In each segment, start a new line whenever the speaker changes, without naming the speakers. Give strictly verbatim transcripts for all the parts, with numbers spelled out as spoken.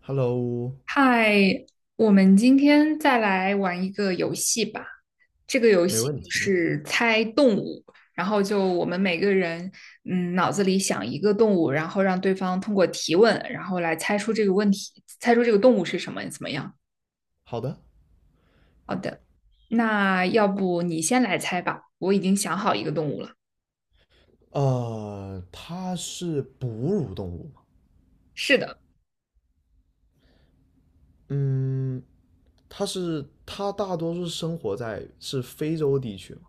Hello，
嗨，我们今天再来玩一个游戏吧。这个游
没
戏
问题。
是猜动物，然后就我们每个人，嗯，脑子里想一个动物，然后让对方通过提问，然后来猜出这个问题，猜出这个动物是什么，怎么样？
好的，
那要不你先来猜吧，我已经想好一个动物了。
呃，它是哺乳动物吗？
是的。
嗯，它是它大多数生活在是非洲地区吗？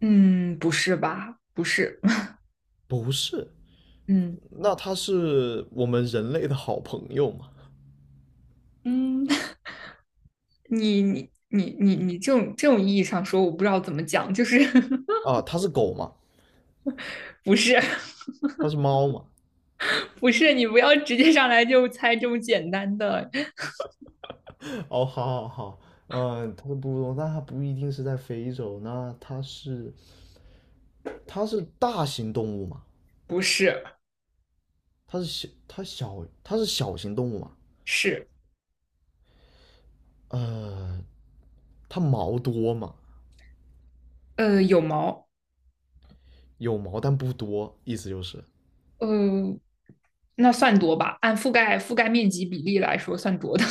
嗯，不是吧？不是。
不是，
嗯
那它是我们人类的好朋友吗？
嗯。你你你你你这种这种意义上说，我不知道怎么讲，就是
啊，它是狗吗？
不是。
它是猫吗？
不是，你不要直接上来就猜这么简单的。
哦，好好好，嗯，它是哺乳动物，但它不一定是在非洲。那它是它是大型动物吗？
不是。
它是小它小它是小型动物吗？
是。
呃，它毛多吗？
呃，有毛。
有毛但不多，意思就是
呃，那算多吧？按覆盖覆盖面积比例来说，算多的。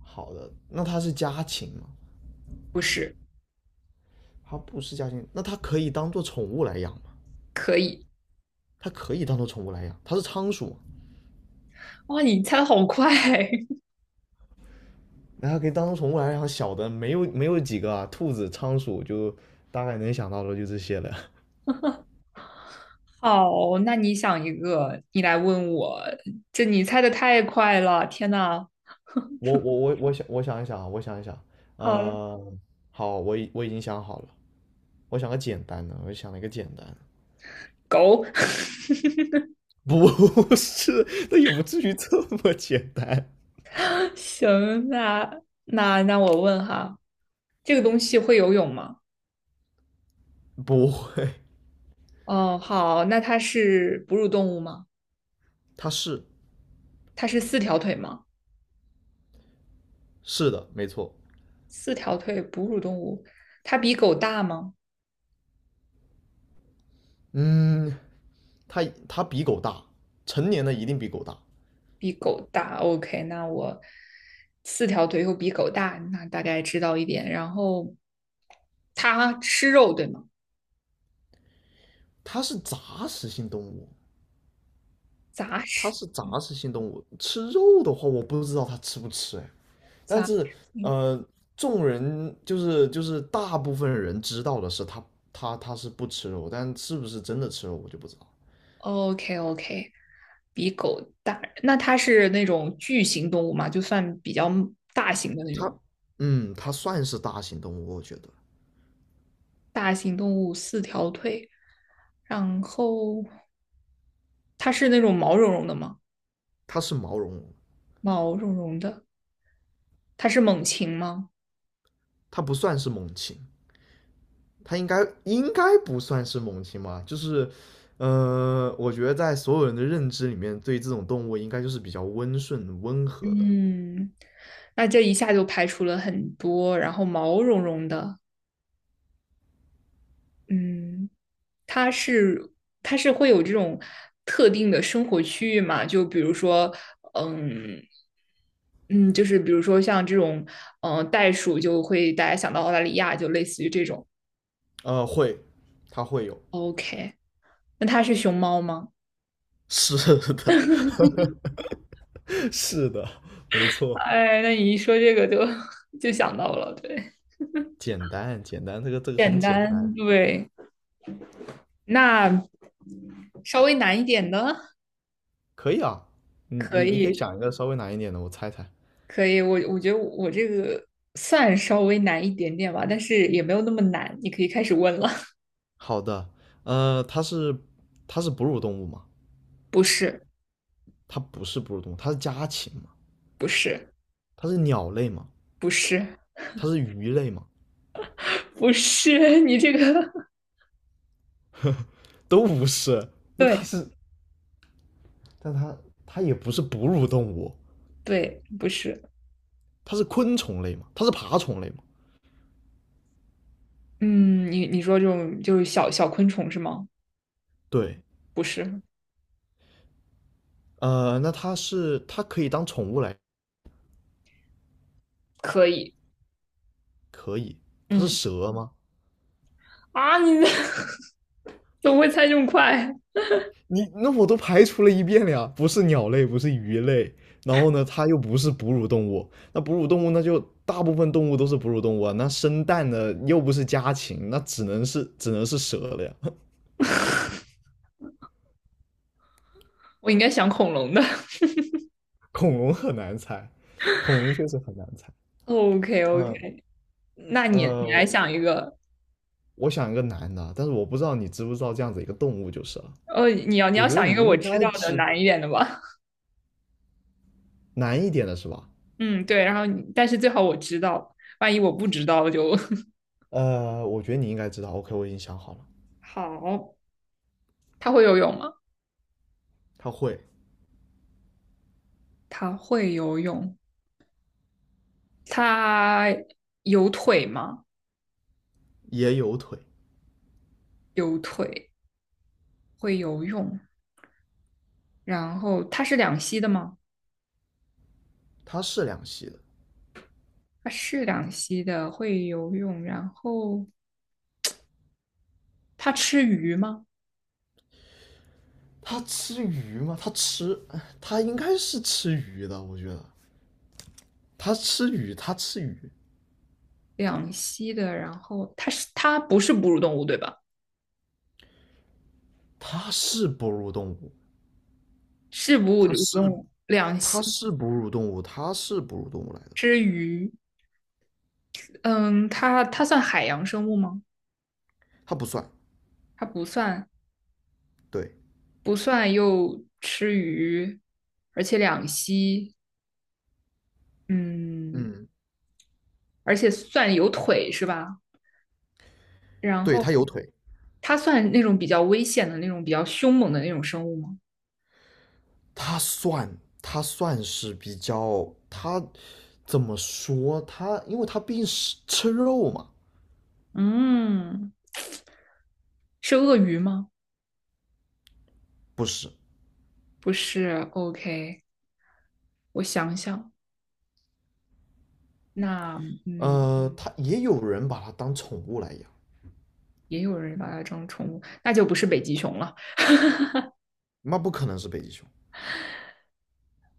好的。那它是家禽吗？
不是。
它不是家禽，那它可以当做宠物来养吗？
可以。
它可以当做宠物来养，它是仓鼠，
哇，你猜的好快！
那它可以当做宠物来养。小的没有没有几个啊，兔子、仓鼠就大概能想到的就这些了。
好，那你想一个，你来问我。这你猜的太快了，天呐！
我我我我想我想一想啊，我想一想，
好，
呃，好，我已我已经想好了，我想个简单的，我想了一个简单的
狗。
不 是，那也不至于这么简单，
行，那那那我问哈，这个东西会游泳吗？
不会，
哦，好，那它是哺乳动物吗？
它是
它是四条腿吗？
是的，没错，
四条腿哺乳动物，它比狗大吗？
嗯，它它比狗大，成年的一定比狗大。
比狗大。OK，那我四条腿又比狗大，那大概知道一点。然后它吃肉，对吗？
它是杂食性动物，
杂
它
食。
是杂食性动物。吃肉的话，我不知道它吃不吃哎。但
杂。
是
嗯
呃，众人就是就是大部分人知道的是它它它是不吃肉，但是不是真的吃肉我就不知道。
，OK OK，比狗大。那它是那种巨型动物嘛？就算比较大型的那
它
种。
嗯，它算是大型动物，我觉得
大型动物，四条腿。然后它是那种毛茸茸的吗？
它是毛茸茸，
毛茸茸的。它是猛禽吗？
它不算是猛禽。它应该应该不算是猛禽吧？就是，呃，我觉得在所有人的认知里面，对这种动物应该就是比较温顺、温和的。
嗯，那这一下就排除了很多，然后毛茸茸的。嗯，它是它是会有这种特定的生活区域嘛？就比如说，嗯。嗯，就是比如说像这种，嗯，袋鼠就会大家想到澳大利亚，就类似于这种。
呃，会，它会有，
OK，那它是熊猫吗？
是的，是的，没错，
哎，那你一说这个就 就想到了，对。
简单，简单，这个这个很
简
简
单，
单，
对，那稍微难一点的
可以啊。你
可
你你可以
以。
想一个稍微难一点的，我猜猜。
可以，我我觉得我这个算稍微难一点点吧，但是也没有那么难，你可以开始问了。
好的，呃，它是它是哺乳动物吗？
不是。
它不是哺乳动物，它是家禽吗？
不是。
它是鸟类吗？
不是。
它是鱼类吗？
不是，你这个
都不是。那它
对。
是，但它它也不是哺乳动物，
对，不是。
它是昆虫类嘛，它是爬虫类嘛。
嗯，你你说这种就是小小昆虫是吗？
对，
不是。
呃，那它是它可以当宠物来，
可以。
可以。它是
嗯。
蛇吗？
啊，你 怎么会猜这么快？
你那我都排除了一遍了呀，不是鸟类，不是鱼类，然后呢，它又不是哺乳动物，那哺乳动物那就大部分动物都是哺乳动物啊，那生蛋的又不是家禽，那只能是只能是蛇了呀。
我应该想恐龙的。
恐龙很难猜，恐龙确实很难猜。
OK OK，
嗯
那你你来
呃，
想一个。
我想一个难的，但是我不知道你知不知道这样子一个动物就是了。
呃，你要你
我
要
觉得
想一
你
个我
应该
知道的
知
难一点的吧。
难一点的是吧？
嗯，对，然后你但是最好我知道，万一我不知道就
呃，我觉得你应该知道。OK，我已经想好了，
好。他会游泳吗？
它会，
他会游泳。他有腿吗？
也有腿，
有腿，会游泳。然后他是两栖的吗？
它是两栖的。
他是两栖的，会游泳。然后他吃鱼吗？
它吃鱼吗？它吃，它应该是吃鱼的。我觉得它吃鱼，它吃鱼，
两栖的，然后它是它不是哺乳动物对吧？
它是哺乳动物，
是哺
它
乳
是
动物，两栖
它是哺乳动物，它是哺乳动物来的，
吃鱼。嗯，它它算海洋生物吗？
它不算。
它不算。
对，
不算又吃鱼，而且两栖。嗯，
嗯，
而且算有腿是吧？然
对，
后
它有腿，
它算那种比较危险的那种、比较凶猛的那种生物吗？
他算他算是比较他怎么说他，因为他毕竟是吃肉嘛，
嗯，是鳄鱼吗？
不是？
不是，OK，我想想。那嗯，
呃，他也有人把它当宠物来养，
也有人把它当宠物，那就不是北极熊了。
那不可能是北极熊，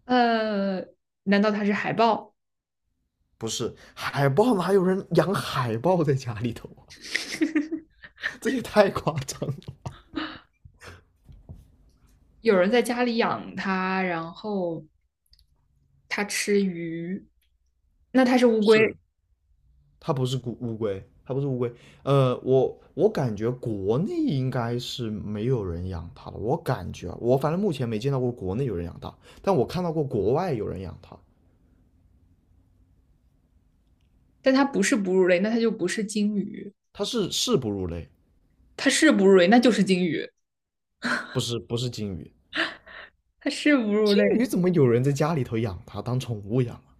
呃，难道它是海豹？
不是海豹哪有人养海豹在家里头啊？这也太夸张了。
有人在家里养它，然后它吃鱼，那它是乌龟？
是，它不是乌乌龟，它不是乌龟。呃，我我感觉国内应该是没有人养它了，我感觉啊我反正目前没见到过国内有人养它，但我看到过国外有人养它，
但它不是哺乳类，那它就不是鲸鱼；
它是是哺乳类，
它是哺乳类，那就是鲸鱼；
不是不是鲸鱼。
它是哺乳
鲸
类，
鱼怎么有人在家里头养它当宠物养啊？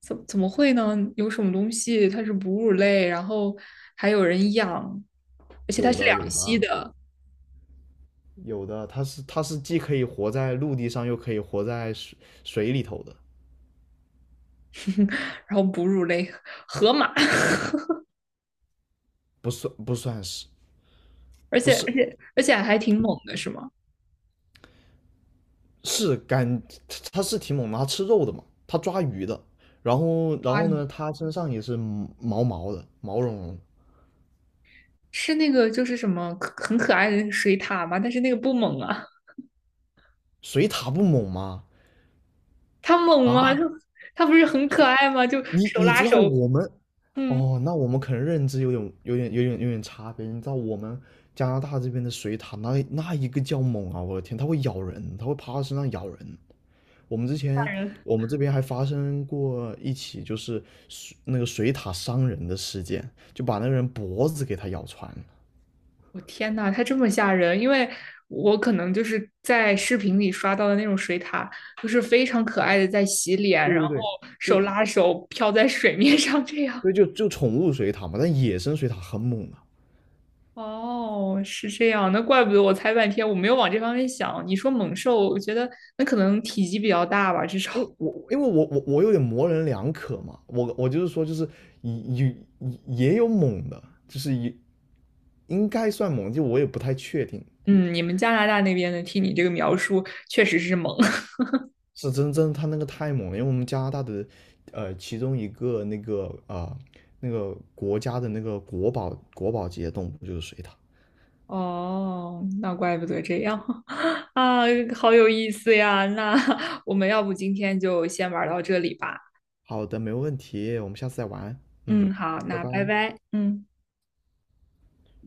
怎怎么会呢？有什么东西它是哺乳类，然后还有人养，而且它
有
是
的有
两
的
栖
啊
的。
有的，它是它是既可以活在陆地上，又可以活在水水里头的，
然后哺乳类河马。
不算不算是
而
不
且而
是
且而且还挺猛的，是吗？
是干，它是挺猛的，它吃肉的嘛，它抓鱼的，然后然
蛙
后
鱼
呢，它身上也是毛毛的，毛茸茸的。
是那个就是什么很可爱的那个水獭吗？但是那个不猛啊。
水獭不猛吗？
它猛吗？
啊，
它它不是很可
水
爱吗？就
你
手
你
拉
知道
手。
我们
嗯，
哦，那我们可能认知有点、有点、有点、有点差别。你知道我们加拿大这边的水獭，那那一个叫猛啊！我的天，它会咬人，它会趴到身上咬人。我们之
吓
前
人。
我们这边还发生过一起，就是水那个水獭伤人的事件，就把那个人脖子给它咬穿了。
我天呐，它这么吓人！因为我可能就是在视频里刷到的那种水獭，就是非常可爱的在洗脸，
对
然
对
后
对，就
手拉手飘在水面上这样。
对就就宠物水獭嘛，但野生水獭很猛啊。
哦，是这样，那怪不得我猜半天，我没有往这方面想。你说猛兽，我觉得那可能体积比较大吧，至少。
因为 我因为我我我有点模棱两可嘛，我我就是说就是也也也有猛的，就是也应该算猛，就我也不太确定，
嗯，你们加拿大那边的，听你这个描述，确实是猛。
是真真他那个太猛了，因为我们加拿大的呃其中一个那个啊、呃那个国家的那个国宝国宝级的动物就是水獭。
哦，那怪不得这样 啊，好有意思呀！那我们要不今天就先玩到这里吧。
好的，没问题，我们下次再玩，嗯，
嗯，好，
拜
那拜
拜。
拜，嗯。